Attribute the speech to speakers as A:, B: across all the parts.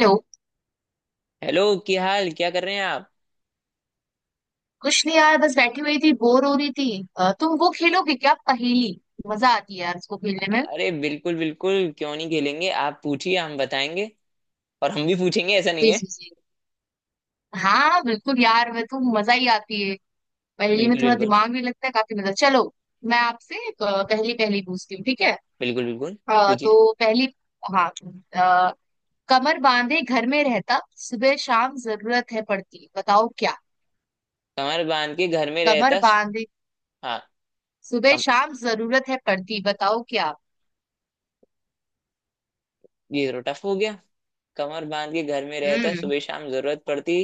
A: Hello.
B: Hello. क्या हाल, क्या कर रहे हैं आप?
A: कुछ नहीं यार, बस बैठी हुई थी, बोर हो रही थी। तुम वो खेलोगे क्या, पहेली? मजा आती है यार इसको खेलने में।
B: अरे बिल्कुल बिल्कुल, क्यों नहीं खेलेंगे। आप पूछिए, हम बताएंगे। और हम भी पूछेंगे, ऐसा नहीं
A: जी
B: है।
A: जी जी। हाँ बिल्कुल यार, वह तो मजा ही आती है। पहेली में
B: बिल्कुल
A: थोड़ा
B: बिल्कुल।
A: दिमाग भी लगता है, काफी मजा। चलो, मैं आपसे एक, पहली पहली पूछती हूँ, ठीक है?
B: बिल्कुल बिल्कुल। पूछिए।
A: तो पहली। हाँ। अ, कमर बांधे घर में रहता, सुबह शाम जरूरत है पड़ती, बताओ क्या?
B: कमर बांध के घर में
A: कमर
B: रहता।
A: बांधे
B: हाँ।
A: सुबह
B: कम,
A: शाम जरूरत है पड़ती, बताओ क्या?
B: ये तो टफ हो गया। कमर बांध के घर में रहता
A: हम्म
B: सुबह शाम जरूरत पड़ती,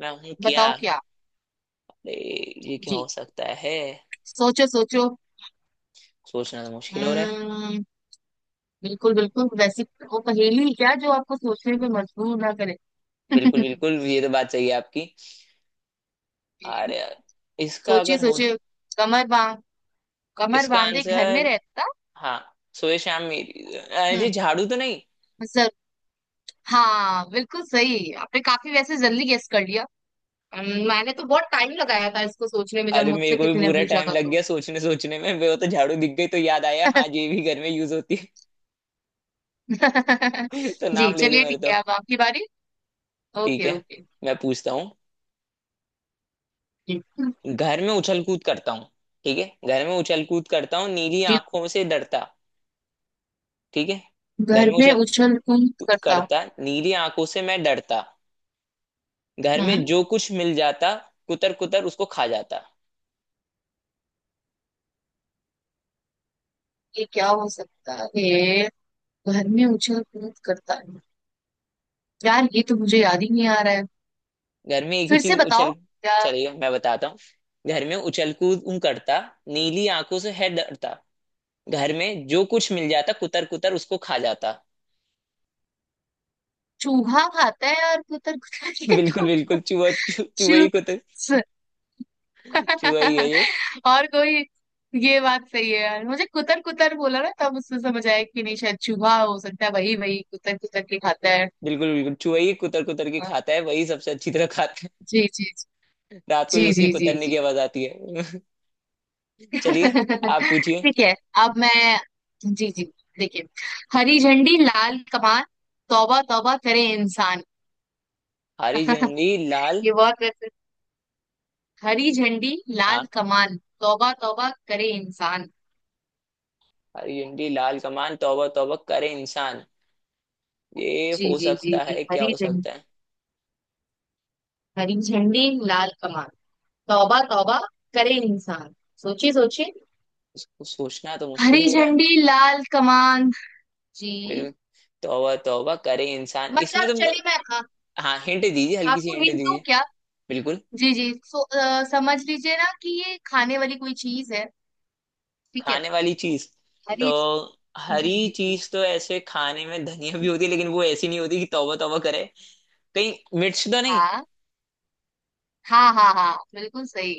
B: मैं हूँ क्या?
A: बताओ क्या।
B: अरे, ये क्या हो
A: जी।
B: सकता है?
A: सोचो सोचो।
B: सोचना तो मुश्किल हो रहा है।
A: हम्म, बिल्कुल बिल्कुल वैसी। वो पहेली क्या जो आपको सोचने पे मजबूर ना करे।
B: बिल्कुल बिल्कुल, ये तो बात सही है आपकी। अरे यार, इसका
A: सोचिए
B: अगर हो,
A: सोचिए। कमर बांध कमर
B: इसका
A: बांधे घर में
B: आंसर।
A: रहता।
B: हाँ, सुबह शाम मेरी, अरे जी
A: हम्म
B: झाड़ू तो नहीं?
A: सर। हाँ बिल्कुल सही, आपने काफी वैसे जल्दी गेस कर लिया। मैंने तो बहुत टाइम लगाया था इसको सोचने में जब
B: अरे मेरे
A: मुझसे
B: को भी
A: किसी ने
B: पूरा
A: पूछा
B: टाइम
A: था
B: लग
A: तो।
B: गया सोचने सोचने में, वो तो झाड़ू दिख गई तो याद आया हाँ ये भी घर में यूज होती है। तो
A: जी,
B: नाम ले दे
A: चलिए
B: मेरे
A: ठीक
B: तो।
A: है, अब आपकी बारी।
B: ठीक
A: ओके
B: है,
A: ओके।
B: मैं पूछता हूँ।
A: जी
B: घर में उछल कूद करता हूँ। ठीक है, घर में उछल कूद करता हूँ नीली
A: जी।
B: आंखों से डरता। ठीक है। घर
A: घर
B: में
A: में
B: उछल
A: उछल कूद
B: कूद
A: करता।
B: करता, नीली आंखों से मैं डरता। घर
A: हम्म
B: में जो कुछ मिल जाता, कुतर कुतर उसको खा जाता।
A: ये क्या हो सकता है? घर में उछल कूद करता है। यार, ये तो मुझे याद ही नहीं आ रहा है।
B: घर में एक ही
A: फिर से
B: चीज
A: बताओ,
B: उछल।
A: क्या?
B: चलिए मैं बताता हूँ। घर में उछल कूद करता, नीली आंखों से है डरता। घर में जो कुछ मिल जाता, कुतर कुतर उसको खा जाता।
A: चूहा खाता है और कुतर कुतर के
B: बिल्कुल
A: तो।
B: बिल्कुल। चूहा ही कुतर।
A: चूस।
B: चूहा ही है ये।
A: और कोई? ये बात सही है यार, मुझे कुतर कुतर बोला ना तब उससे समझ आया कि नहीं शायद चूहा हो सकता है, वही वही कुतर कुतर के खाता है।
B: बिल्कुल बिल्कुल, चूहा ही कुतर कुतर के
A: हाँ,
B: खाता है, वही सबसे अच्छी तरह खाता है।
A: जी जी
B: रात को
A: जी
B: भी
A: जी
B: उसके
A: जी
B: कुतरने
A: जी जी।
B: की आवाज आती है। चलिए, आप पूछिए।
A: ठीक है, अब मैं। जी जी, देखिए, हरी झंडी लाल कमान, तौबा तौबा करे इंसान।
B: हरी झंडी लाल।
A: ये बहुत वैसे। हरी झंडी लाल
B: हाँ,
A: कमान, तौबा तौबा करे इंसान।
B: हरी झंडी लाल कमान तौबा तौबा करे इंसान। ये
A: जी
B: हो
A: जी जी
B: सकता
A: जी,
B: है, क्या
A: हरी
B: हो
A: झंडी।
B: सकता है?
A: हरी झंडी लाल कमान, तौबा तौबा करे इंसान। सोचिए सोचिए।
B: इसको सोचना तो मुश्किल
A: हरी
B: हो रहा है।
A: झंडी लाल कमान। जी।
B: बिल्कुल। तौबा तौबा करे इंसान, इसमें
A: मतलब
B: तो।
A: चलिए मैं
B: हाँ, हिंट दीजिए, हल्की सी
A: आपको
B: हिंट
A: हिंट दूं
B: दीजिए।
A: क्या?
B: बिल्कुल।
A: जी जी। समझ लीजिए ना कि ये खाने वाली कोई चीज है, ठीक है?
B: खाने वाली चीज तो।
A: हरी। जी
B: हरी
A: जी जी।
B: चीज तो ऐसे खाने में धनिया भी होती है, लेकिन वो ऐसी नहीं होती कि तौबा तौबा करे। कहीं मिर्च तो नहीं?
A: हाँ हाँ हाँ हाँ, बिल्कुल सही।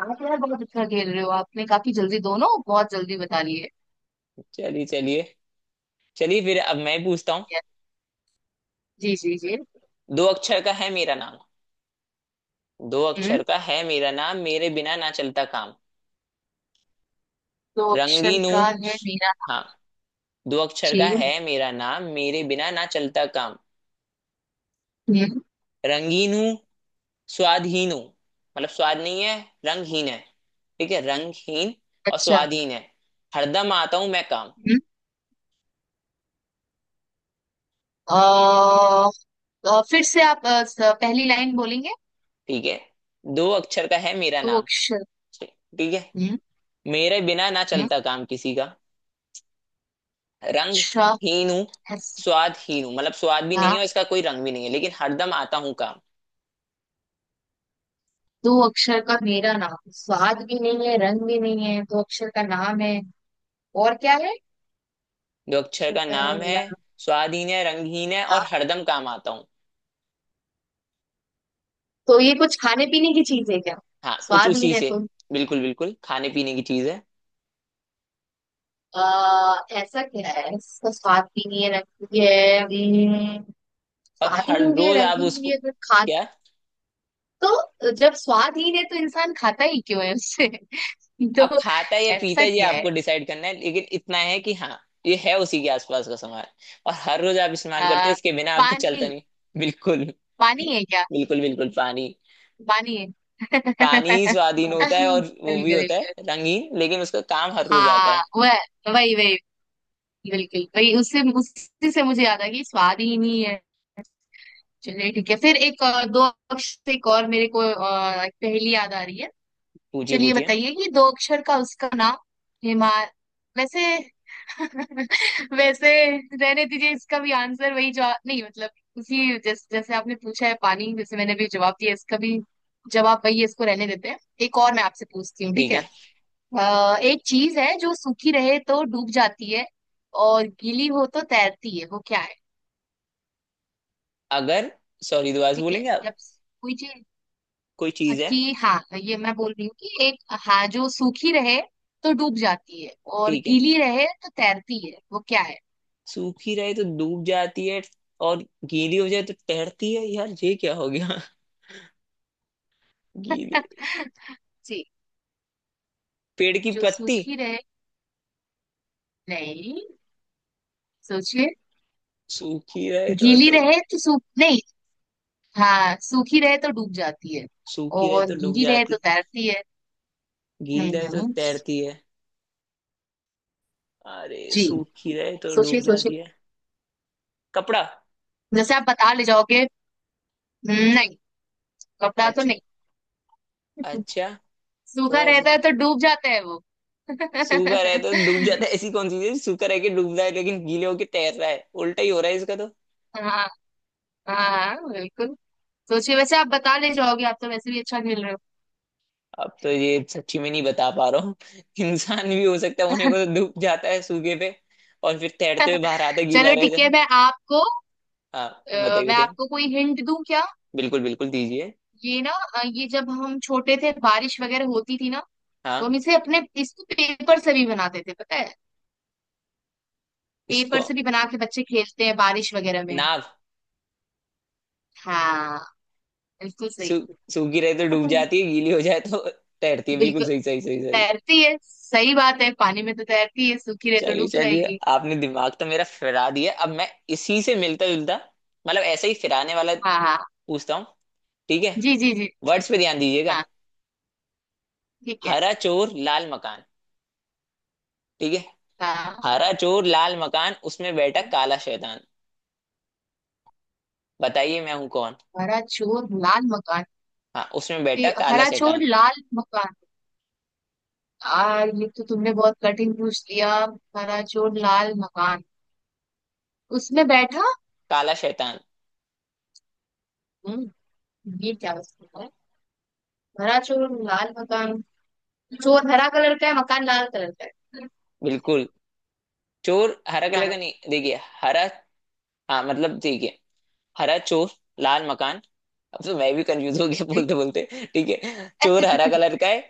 A: आप यार बहुत अच्छा खेल रहे हो, आपने काफी जल्दी, दोनों बहुत जल्दी बता लिए।
B: चलिए चलिए। चलिए फिर, अब मैं पूछता हूँ।
A: Yes, जी जी जी।
B: दो अक्षर का है मेरा नाम। दो
A: हम्म
B: अक्षर का है मेरा नाम, मेरे बिना ना चलता काम।
A: तो अक्षर
B: रंगीन
A: का
B: हूँ।
A: है मीना।
B: हाँ, दो अक्षर
A: जी।
B: का है मेरा नाम, मेरे बिना ना चलता काम।
A: हम्म
B: रंगीन हूँ, स्वादहीन हूँ। मतलब स्वाद नहीं है, रंगहीन है। ठीक है, रंगहीन और
A: अच्छा।
B: स्वादहीन है। हरदम आता हूँ मैं काम।
A: हम्म अ, फिर से आप पहली लाइन बोलेंगे?
B: ठीक है। दो अक्षर का है मेरा
A: दो
B: नाम।
A: अक्षर।
B: ठीक है।
A: हम्म
B: मेरे बिना ना
A: हम्म
B: चलता काम किसी का। रंग
A: अच्छा।
B: हीन हूँ,
A: yes,
B: स्वाद हीन हूँ, मतलब स्वाद भी नहीं है
A: हाँ,
B: और इसका कोई रंग भी नहीं है, लेकिन हरदम आता हूँ काम।
A: दो अक्षर का मेरा नाम, स्वाद भी नहीं है, रंग भी नहीं है, दो अक्षर का नाम है। और क्या है?
B: दो अक्षर
A: अक्षर
B: का
A: का है
B: नाम है,
A: मेरा नाम।
B: स्वादहीन है, रंगहीन है और
A: हाँ,
B: हरदम काम आता हूँ।
A: तो ये कुछ खाने पीने की चीज है क्या?
B: हाँ, कुछ
A: स्वाद ही
B: उसी
A: है
B: से।
A: तो।
B: बिल्कुल बिल्कुल, खाने पीने की चीज है।
A: आ, ऐसा क्या है इसका, स्वाद भी नहीं है, रंग भी है।
B: और हर
A: स्वादहीन भी है,
B: रोज आप
A: रंगीन भी
B: उसको,
A: नहीं है, तो खा।
B: क्या।
A: तो जब स्वादहीन है तो इंसान खाता ही क्यों है उससे।
B: अब
A: तो
B: खाता है या पीता
A: ऐसा
B: है ये
A: क्या है?
B: आपको डिसाइड करना है, लेकिन इतना है कि हाँ, ये है उसी के आसपास का सामान। और हर रोज आप इस्तेमाल करते हो,
A: आ,
B: इसके बिना आपको चलता
A: पानी।
B: नहीं। बिल्कुल।
A: पानी है क्या?
B: बिल्कुल बिल्कुल पानी।
A: पानी है।
B: पानी ही स्वाधीन होता है
A: बिल्कुल
B: और वो भी होता
A: बिल्कुल।
B: है रंगीन, लेकिन उसका काम हर रोज आता
A: हाँ,
B: है।
A: वह वही वही, बिल्कुल वही। उससे उसी से मुझे याद आ गई, स्वाद ही नहीं है। चलिए ठीक है फिर एक, दो अक्षर से एक और मेरे को एक पहेली याद आ रही है।
B: पूछिए
A: चलिए
B: पूछिए।
A: बताइए कि दो अक्षर का उसका नाम। हिमा वैसे। वैसे रहने दीजिए, इसका भी आंसर वही। जवाब नहीं, मतलब उसी जैसे जैसे आपने पूछा है, पानी जैसे मैंने भी जवाब दिया, इसका भी जवाब वही है, इसको रहने देते हैं। एक और मैं आपसे पूछती हूँ, ठीक
B: ठीक
A: है?
B: है।
A: एक चीज है जो सूखी रहे तो डूब जाती है, और गीली हो तो तैरती है, वो क्या है?
B: अगर, सॉरी दोबारा से
A: ठीक है,
B: बोलेंगे आप?
A: जब कोई चीज,
B: कोई चीज है।
A: कि हाँ ये मैं बोल रही हूँ कि एक, हाँ, जो सूखी रहे तो डूब जाती है और
B: ठीक है,
A: गीली रहे तो तैरती है, वो क्या है?
B: सूखी रहे तो डूब जाती है और गीली हो जाए तो तैरती है, यार ये क्या हो गया। गीली,
A: जी,
B: पेड़ की
A: जो
B: पत्ती।
A: सूखी रहे, नहीं, सोचिए।
B: सूखी रहे तो
A: गीली
B: डूब।
A: रहे तो सूख नहीं। हाँ, सूखी रहे तो डूब जाती है
B: सूखी रहे
A: और
B: तो डूब
A: गीली रहे तो
B: जाती,
A: तैरती है।
B: गीली
A: हम्म
B: रहे तो
A: हम्म।
B: तैरती है। अरे,
A: जी,
B: सूखी रहे तो
A: सोचिए
B: डूब
A: सोचिए।
B: जाती है। कपड़ा।
A: जैसे आप बता ले जाओगे। नहीं, कपड़ा तो
B: अच्छा
A: नहीं,
B: अच्छा,
A: सूखा
B: तो ऐसे।
A: रहता है तो डूब जाता है वो।
B: सूखा रहे तो डूब जाता है, ऐसी कौन सी चीज सूखा रह के डूब रहा है लेकिन गीले होके तैर रहा है, उल्टा ही हो रहा है इसका तो।
A: हाँ हाँ बिल्कुल। सोचिए, वैसे आप बता ले जाओगे, आप तो वैसे भी अच्छा खेल रहे हो।
B: अब तो ये सच्ची में नहीं बता पा रहा हूँ। इंसान भी हो सकता है, होने को तो डूब जाता है सूखे पे और फिर तैरते हुए बाहर आता है, गीला
A: चलो
B: रह
A: ठीक
B: जाता
A: है,
B: है।
A: मैं आपको,
B: हाँ, बताइए
A: मैं
B: बताइए।
A: आपको कोई हिंट दूं क्या?
B: बिल्कुल बिल्कुल दीजिए।
A: ये ना, ये जब हम छोटे थे बारिश वगैरह होती थी ना, तो हम
B: हाँ,
A: इसे अपने, इसको पेपर से भी बनाते थे, पता है? पेपर
B: इसको
A: से भी बना के बच्चे खेलते हैं बारिश वगैरह में।
B: नाव।
A: हाँ, बिल्कुल
B: सू,
A: सही।
B: सूखी रहे तो डूब जाती है, गीली हो जाए तो तैरती है, बिल्कुल
A: बिल्कुल,
B: सही सही सही सही।
A: तैरती है, सही बात है, पानी में तो तैरती है, सूखी रहे तो
B: चलिए
A: डूब
B: चलिए,
A: जाएगी।
B: आपने दिमाग तो मेरा फिरा दिया। अब मैं इसी से मिलता जुलता, मतलब ऐसे ही फिराने वाला
A: हाँ हाँ,
B: पूछता हूँ। ठीक है,
A: जी जी जी जी।
B: वर्ड्स पे ध्यान दीजिएगा।
A: हाँ, ठीक है।
B: हरा चोर लाल मकान। ठीक है।
A: हाँ,
B: हरा चोर लाल मकान, उसमें बैठा काला शैतान, बताइए मैं हूं कौन।
A: हरा चोर लाल मकान।
B: हाँ, उसमें बैठा
A: ये
B: काला
A: हरा
B: शैतान।
A: चोर लाल मकान, आ, ये तो तुमने बहुत कठिन पूछ लिया। हरा चोर लाल मकान, उसमें बैठा।
B: काला शैतान।
A: हम्म, ये क्या उसमें है? हरा चोर लाल मकान, चोर हरा कलर का है, मकान लाल कलर का है।
B: बिल्कुल। चोर हरा कलर का,
A: हाँ।
B: नहीं देखिए। हरा। हाँ मतलब देखिए, हरा चोर, लाल मकान। अब तो मैं भी कंफ्यूज हो गया
A: ठीक?
B: बोलते बोलते। ठीक है, चोर हरा कलर का है,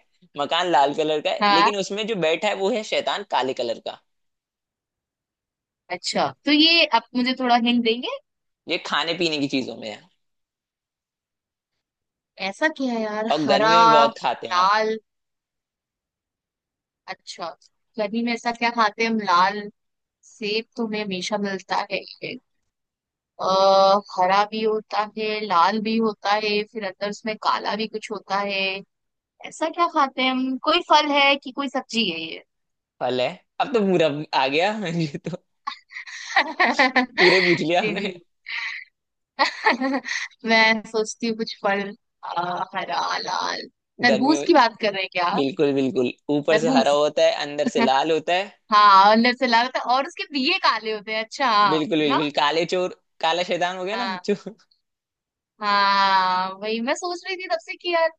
B: मकान लाल कलर का है,
A: हाँ,
B: लेकिन उसमें जो बैठा है वो है शैतान काले कलर का।
A: अच्छा, तो ये आप मुझे थोड़ा हिंट देंगे?
B: ये खाने पीने की चीजों में है,
A: ऐसा क्या है यार,
B: और
A: हरा,
B: गर्मियों में बहुत खाते हैं आप।
A: लाल। अच्छा, गर्मी में ऐसा क्या खाते हैं हम, लाल? सेब तो हमें हमेशा मिलता है। अ, हरा भी होता है, लाल भी होता है, फिर अंदर उसमें काला भी कुछ होता है। ऐसा क्या खाते हैं हम, कोई फल है कि कोई सब्जी है ये?
B: फल है। अब तो पूरा आ गया। ये तो पूरे पूछ लिया
A: जी
B: आपने।
A: जी। मैं सोचती हूँ कुछ फल, हरा लाल,
B: गर्मियों।
A: तरबूज की बात कर रहे हैं क्या आप?
B: बिल्कुल बिल्कुल, ऊपर से हरा
A: तरबूज,
B: होता है, अंदर से लाल होता है।
A: हाँ, अंदर से लाल होता है और उसके बीए काले होते हैं, अच्छा, हाँ।
B: बिल्कुल
A: ना।
B: बिल्कुल, काले चोर, काला शैतान हो गया ना।
A: हाँ
B: चोर।
A: हाँ, वही मैं सोच रही थी तब से कि यार,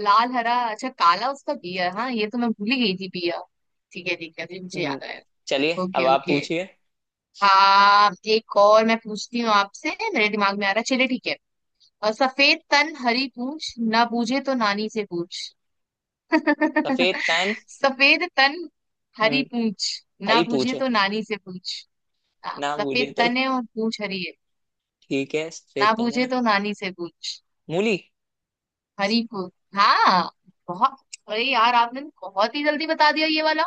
A: लाल हरा, अच्छा, काला, उसका बिया, हाँ, ये तो मैं भूल ही गई थी, बिया। ठीक है ठीक है, अभी मुझे
B: हम्म।
A: याद आया।
B: चलिए अब
A: ओके
B: आप
A: ओके,
B: पूछिए।
A: हाँ, एक और मैं पूछती हूँ आपसे, मेरे दिमाग में आ रहा है, चलिए ठीक है। सफेद तन हरी पूछ, ना बूझे तो नानी से पूछ।
B: सफेद तन।
A: सफेद तन हरी
B: हम्म।
A: पूछ, ना
B: हरी
A: बूझे
B: पूछे,
A: तो नानी से पूछ। हाँ,
B: ना पूछे
A: सफेद
B: तो।
A: तन है और पूछ हरी है,
B: ठीक है, सफेद
A: ना
B: तन है।
A: बूझे तो नानी से पूछ।
B: मूली।
A: हरी पूछ। हाँ, बहुत, अरे यार आपने बहुत ही जल्दी बता दिया ये वाला,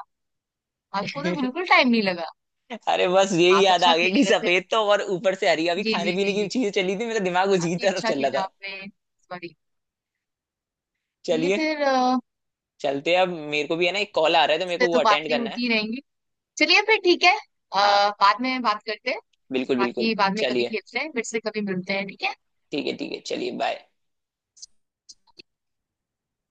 A: आपको तो बिल्कुल टाइम नहीं लगा।
B: अरे बस यही
A: आप
B: याद
A: अच्छा
B: आ गया कि
A: खेले वैसे।
B: सफेद तो और ऊपर से हरी, अभी
A: जी जी
B: खाने पीने
A: जी
B: की
A: जी,
B: चीजें चली थी, मेरा दिमाग उसी की
A: काफी
B: तरफ
A: अच्छा
B: चल रहा
A: खेला
B: था।
A: आपने। सॉरी। तो ये
B: चलिए,
A: फिर
B: चलते हैं, अब मेरे को भी है ना एक कॉल आ रहा है, तो
A: इस
B: मेरे
A: पे
B: को वो
A: तो
B: अटेंड
A: बातें
B: करना है।
A: होती रहेंगी, चलिए फिर ठीक है,
B: हाँ
A: बाद में बात करते हैं।
B: बिल्कुल बिल्कुल।
A: बाकी बाद में कभी
B: चलिए
A: खेलते हैं, फिर से कभी मिलते हैं, ठीक है।
B: ठीक है। ठीक है चलिए, बाय।